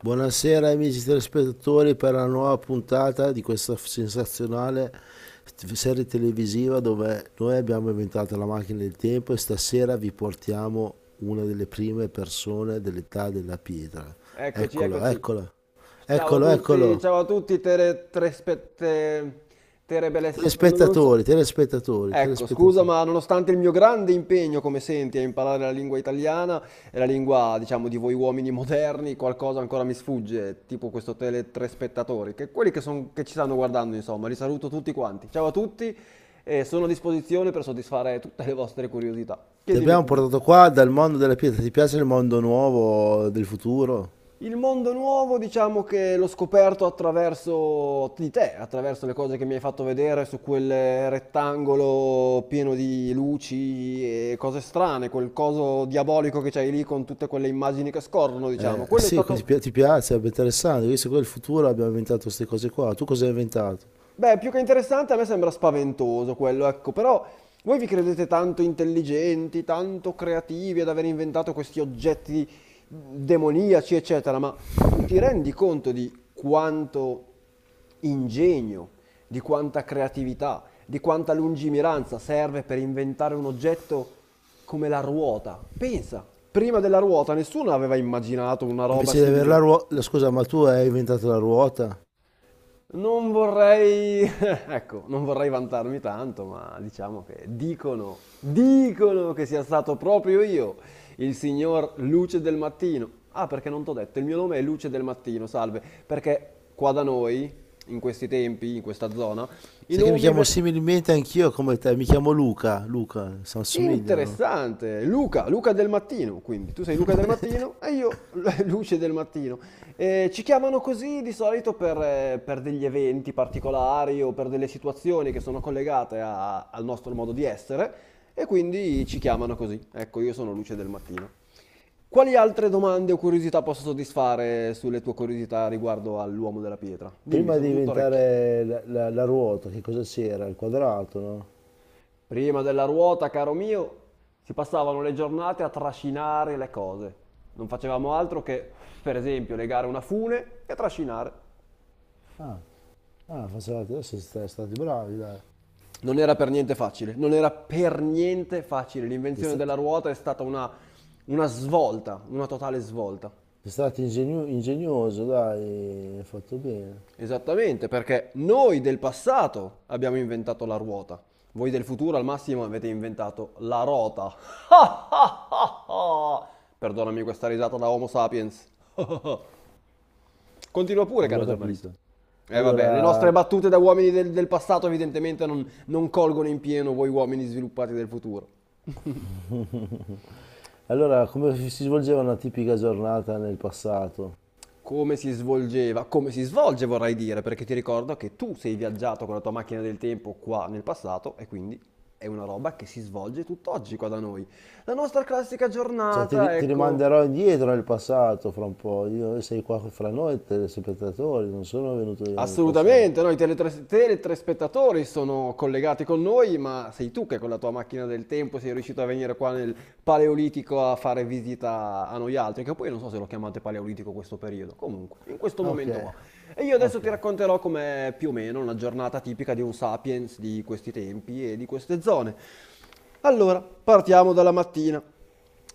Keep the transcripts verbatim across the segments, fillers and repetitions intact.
Buonasera amici telespettatori per la nuova puntata di questa sensazionale serie televisiva dove noi abbiamo inventato la macchina del tempo e stasera vi portiamo una delle prime persone dell'età della pietra. Eccoci, Eccolo, eccoci. eccolo, Ciao a eccolo, tutti, eccolo. ciao a tutti, tere, tre spe- te- terebeles- non non so. Telespettatori, telespettatori, Ecco, scusa, telespettatori. ma nonostante il mio grande impegno, come senti, a imparare la lingua italiana e la lingua, diciamo, di voi uomini moderni, qualcosa ancora mi sfugge, tipo questo tele tre spettatori, che quelli che, son- che ci stanno guardando, insomma, li saluto tutti quanti. Ciao a tutti e sono a disposizione per soddisfare tutte le vostre curiosità. Ti Chiedimi abbiamo pure. portato qua dal mondo della pietra, ti piace il mondo nuovo del futuro? Il mondo nuovo, diciamo che l'ho scoperto attraverso di te, attraverso le cose che mi hai fatto vedere su quel rettangolo pieno di luci e cose strane, quel coso diabolico che c'hai lì con tutte quelle immagini che scorrono, diciamo. Eh, Quello è Sì, que- stato. ti pi- ti piace, è interessante, visto che il futuro abbiamo inventato queste cose qua, tu cosa hai inventato? Beh, più che interessante, a me sembra spaventoso quello, ecco, però voi vi credete tanto intelligenti, tanto creativi ad aver inventato questi oggetti demoniaci, eccetera, ma tu ti rendi conto di quanto ingegno, di quanta creatività, di quanta lungimiranza serve per inventare un oggetto come la ruota? Pensa, prima della ruota nessuno aveva immaginato una roba Invece di avere la simile. ruota, scusa, ma tu hai inventato la ruota? Non vorrei, ecco, non vorrei vantarmi tanto, ma diciamo che dicono, dicono che sia stato proprio io, il signor Luce del Mattino. Ah, perché non t'ho detto, il mio nome è Luce del Mattino, salve, perché qua da noi, in questi tempi, in questa zona, i Sai che mi nomi... chiamo ve- similmente anch'io come te, mi chiamo Luca, Luca, si assomigliano. Interessante, Luca, Luca del mattino, quindi tu sei Luca del mattino e io Luce del mattino. Eh, ci chiamano così di solito per, eh, per degli eventi particolari o per delle situazioni che sono collegate a- al nostro modo di essere e quindi ci chiamano così. Ecco, io sono Luce del mattino. Quali altre domande o curiosità posso soddisfare sulle tue curiosità riguardo all'uomo della pietra? Dimmi, Prima di sono tutto orecchi. inventare la, la- la ruota, che cosa c'era? Il quadrato, no? Prima della ruota, caro mio, si passavano le giornate a trascinare le cose. Non facevamo altro che, per esempio, legare una fune e trascinare. Ah, ah facevate, adesso siete stati bravi, dai. Non era per niente facile, non era per niente facile. Siete L'invenzione sta- della ruota è stata una, una svolta, una totale svolta. Siete stati ingegno- ingegnoso, dai, hai fatto bene. Esattamente, perché noi del passato abbiamo inventato la ruota. Voi del futuro al massimo avete inventato la rota. Perdonami questa risata da Homo sapiens. Continua pure, Non l'ho caro giornalista. capito. Eh vabbè, le nostre Allora, battute da uomini del, del passato evidentemente non, non colgono in pieno voi uomini sviluppati del futuro. allora, come si svolgeva una tipica giornata nel passato? Come si svolgeva, come si svolge vorrei dire, perché ti ricordo che tu sei viaggiato con la tua macchina del tempo qua nel passato e quindi è una roba che si svolge tutt'oggi qua da noi. La nostra classica Cioè, ti, giornata, ri- ti ecco. rimanderò indietro nel passato fra un po'. Io sei qua fra noi, telespettatori, non sono venuto io nel passato. Assolutamente, noi teletres- teletraspettatori sono collegati con noi, ma sei tu che con la tua macchina del tempo sei riuscito a venire qua nel Paleolitico a fare visita a noi altri, che poi non so se lo chiamate Paleolitico questo periodo, comunque, in questo Ok, momento qua. E io adesso ok. ti racconterò com'è più o meno una giornata tipica di un sapiens di questi tempi e di queste zone. Allora, partiamo dalla mattina.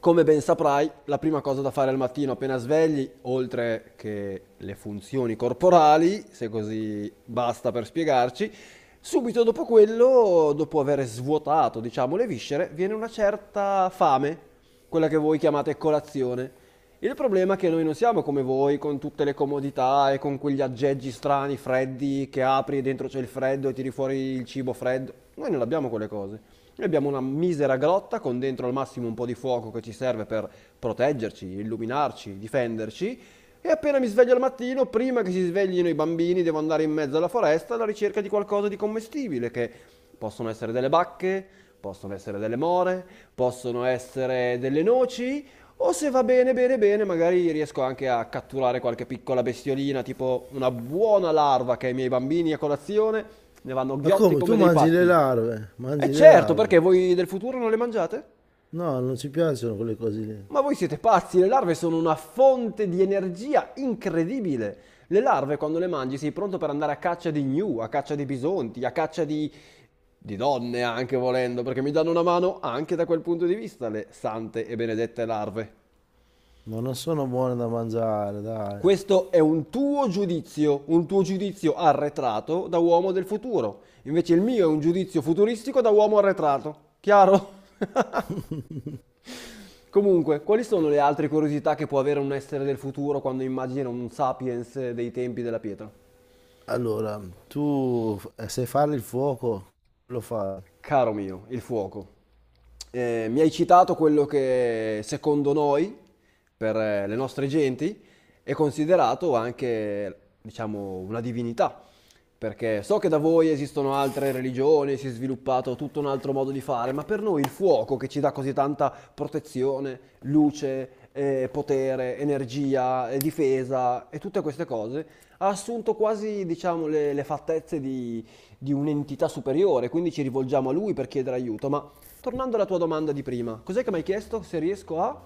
Come ben saprai, la prima cosa da fare al mattino appena svegli, oltre che le funzioni corporali, se così basta per spiegarci, subito dopo quello, dopo aver svuotato, diciamo, le viscere, viene una certa fame, quella che voi chiamate colazione. Il problema è che noi non siamo come voi con tutte le comodità e con quegli aggeggi strani, freddi, che apri e dentro c'è il freddo e tiri fuori il cibo freddo. Noi non abbiamo quelle cose. Noi abbiamo una misera grotta con dentro al massimo un po' di fuoco che ci serve per proteggerci, illuminarci, difenderci. E appena mi sveglio al mattino, prima che si sveglino i bambini, devo andare in mezzo alla foresta alla ricerca di qualcosa di commestibile, che possono essere delle bacche, possono essere delle more, possono essere delle noci o se va bene, bene, bene, magari riesco anche a catturare qualche piccola bestiolina, tipo una buona larva che ai miei bambini a colazione ne vanno Ma ghiotti come? Tu come dei mangi le pazzi. larve? E Mangi le certo, larve? perché voi del futuro non le mangiate? No, non ci piacciono quelle cose lì. Ma voi siete pazzi, le larve sono una fonte di energia incredibile. Le larve quando le mangi sei pronto per andare a caccia di gnu, a caccia di bisonti, a caccia di... di donne anche volendo, perché mi danno una mano anche da quel punto di vista le sante e benedette larve. Ma non sono buone da mangiare, dai. Questo è un tuo giudizio, un tuo giudizio arretrato da uomo del futuro. Invece il mio è un giudizio futuristico da uomo arretrato. Chiaro? Comunque, quali sono le altre curiosità che può avere un essere del futuro quando immagina un sapiens dei tempi della pietra? Allora, tu f- eh, sai fare il fuoco? Lo fai? Caro mio, il fuoco. Eh, mi hai citato quello che secondo noi, per eh, le nostre genti, è considerato anche, diciamo, una divinità. Perché so che da voi esistono altre religioni, si è sviluppato tutto un altro modo di fare, ma per noi il fuoco che ci dà così tanta protezione, luce, eh, potere, energia, eh, difesa e tutte queste cose, ha assunto quasi, diciamo, le, le fattezze di di un'entità superiore, quindi ci rivolgiamo a lui per chiedere aiuto. Ma tornando alla tua domanda di prima, cos'è che mi hai chiesto se riesco a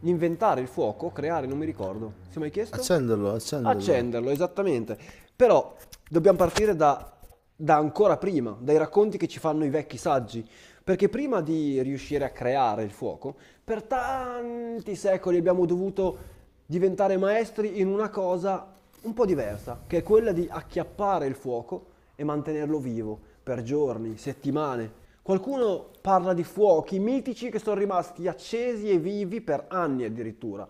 inventare il fuoco, creare, non mi ricordo. Se mi hai chiesto? Accenderlo, accenderlo. Accenderlo, esattamente. Però dobbiamo partire da, da ancora prima, dai racconti che ci fanno i vecchi saggi, perché prima di riuscire a creare il fuoco, per tanti secoli abbiamo dovuto diventare maestri in una cosa un po' diversa, che è quella di acchiappare il fuoco e mantenerlo vivo per giorni, settimane. Qualcuno parla di fuochi mitici che sono rimasti accesi e vivi per anni addirittura.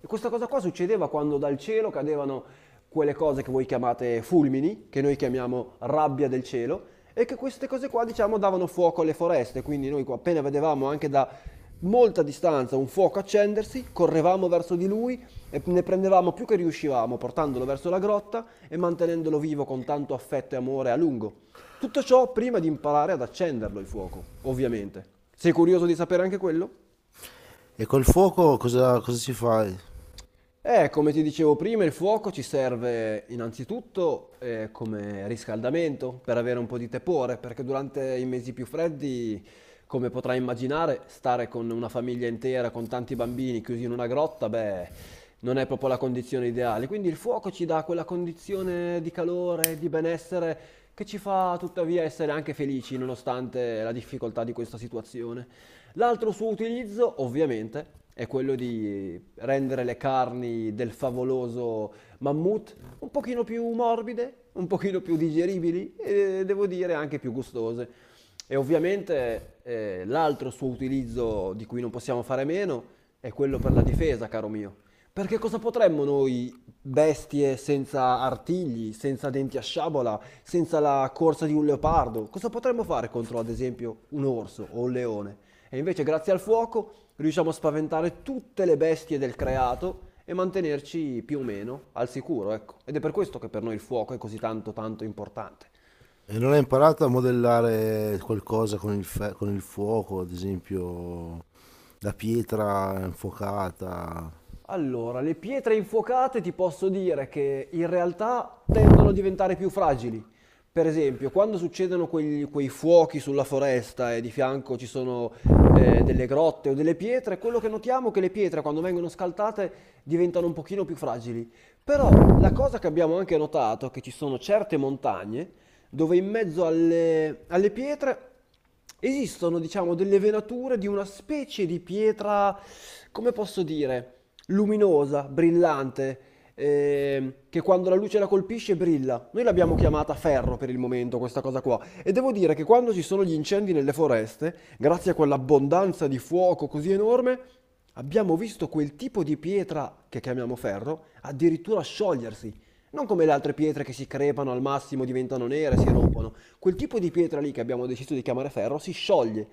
E questa cosa qua succedeva quando dal cielo cadevano quelle cose che voi chiamate fulmini, che noi chiamiamo rabbia del cielo, e che queste cose qua, diciamo, davano fuoco alle foreste. Quindi noi qua appena vedevamo anche da molta distanza un fuoco accendersi, correvamo verso di lui e ne prendevamo più che riuscivamo, portandolo verso la grotta e mantenendolo vivo con tanto affetto e amore a lungo. Tutto ciò prima di imparare ad accenderlo il fuoco, ovviamente. Sei curioso di sapere anche quello? E col fuoco cosa, cosa ci fai? Eh, come ti dicevo prima, il fuoco ci serve innanzitutto eh, come riscaldamento per avere un po' di tepore, perché durante i mesi più freddi, come potrai immaginare, stare con una famiglia intera, con tanti bambini chiusi in una grotta, beh, non è proprio la condizione ideale. Quindi il fuoco ci dà quella condizione di calore, di benessere che ci fa tuttavia essere anche felici nonostante la difficoltà di questa situazione. L'altro suo utilizzo, ovviamente, è quello di rendere le carni del favoloso mammut un pochino più morbide, un pochino più digeribili e devo dire anche più gustose. E ovviamente eh, l'altro suo utilizzo di cui non possiamo fare meno è quello per la difesa, caro mio. Perché cosa potremmo noi, bestie senza artigli, senza denti a sciabola, senza la corsa di un leopardo, cosa potremmo fare contro, ad esempio, un orso o un leone? E invece, grazie al fuoco, riusciamo a spaventare tutte le bestie del creato e mantenerci più o meno al sicuro, ecco. Ed è per questo che per noi il fuoco è così tanto tanto importante. E non hai imparato a modellare qualcosa con il, fe- con il fuoco, ad esempio la pietra infuocata? Allora, le pietre infuocate ti posso dire che in realtà tendono a diventare più fragili. Per esempio, quando succedono quegli- quei fuochi sulla foresta e di fianco ci sono eh, delle grotte o delle pietre, quello che notiamo è che le pietre quando vengono scaltate diventano un pochino più fragili. Però la cosa che abbiamo anche notato è che ci sono certe montagne dove in mezzo alle, alle pietre esistono, diciamo, delle venature di una specie di pietra, come posso dire? Luminosa, brillante, ehm, che quando la luce la colpisce brilla. Noi l'abbiamo chiamata ferro per il momento, questa cosa qua. E devo dire che quando ci sono gli incendi nelle foreste, grazie a quell'abbondanza di fuoco così enorme, abbiamo visto quel tipo di pietra che chiamiamo ferro addirittura sciogliersi. Non come le altre pietre che si crepano al massimo, diventano nere, si rompono. Quel tipo di pietra lì che abbiamo deciso di chiamare ferro si scioglie.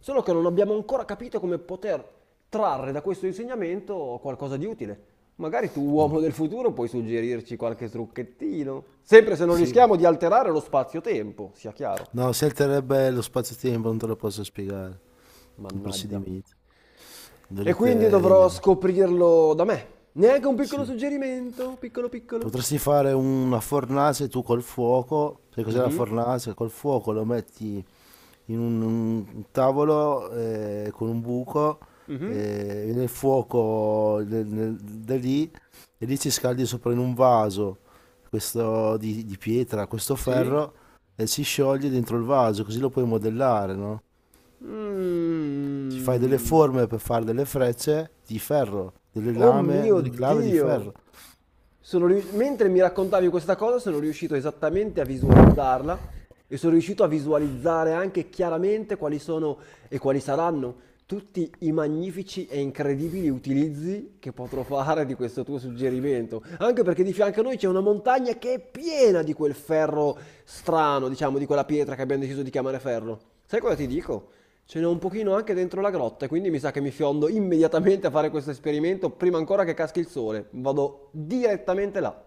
Solo che non abbiamo ancora capito come poter trarre da questo insegnamento qualcosa di utile. Magari tu, No. uomo del futuro, puoi suggerirci qualche trucchettino. Sempre se non Sì. rischiamo di alterare lo spazio-tempo, sia chiaro. No, si alterebbe lo spazio-tempo, non te lo posso spiegare. Il Mannaggia. procedimento. E quindi dovrò Dovrete... scoprirlo da me. Neanche un piccolo Sì. suggerimento, piccolo piccolo. Potresti fare una fornace tu col fuoco. Sai cos'è la Mhm. fornace? Col fuoco lo metti in un, un tavolo eh, con un buco Mhm. eh, nel fuoco del- nel- da lì e lì ci scaldi sopra in un vaso questo di, di pietra, questo Sì. ferro e si scioglie dentro il vaso, così lo puoi modellare, no? Ci fai delle Mm. forme per fare delle frecce di ferro, delle Oh lame, mio delle clave di Dio! ferro. Sono rius- Mentre mi raccontavi questa cosa, sono riuscito esattamente a visualizzarla e sono riuscito a visualizzare anche chiaramente quali sono e quali saranno tutti i magnifici e incredibili utilizzi che potrò fare di questo tuo suggerimento. Anche perché di fianco a noi c'è una montagna che è piena di quel ferro strano, diciamo, di quella pietra che abbiamo deciso di chiamare ferro. Sai cosa ti dico? Ce n'è un pochino anche dentro la grotta, e quindi mi sa che mi fiondo immediatamente a fare questo esperimento prima ancora che caschi il sole. Vado direttamente là.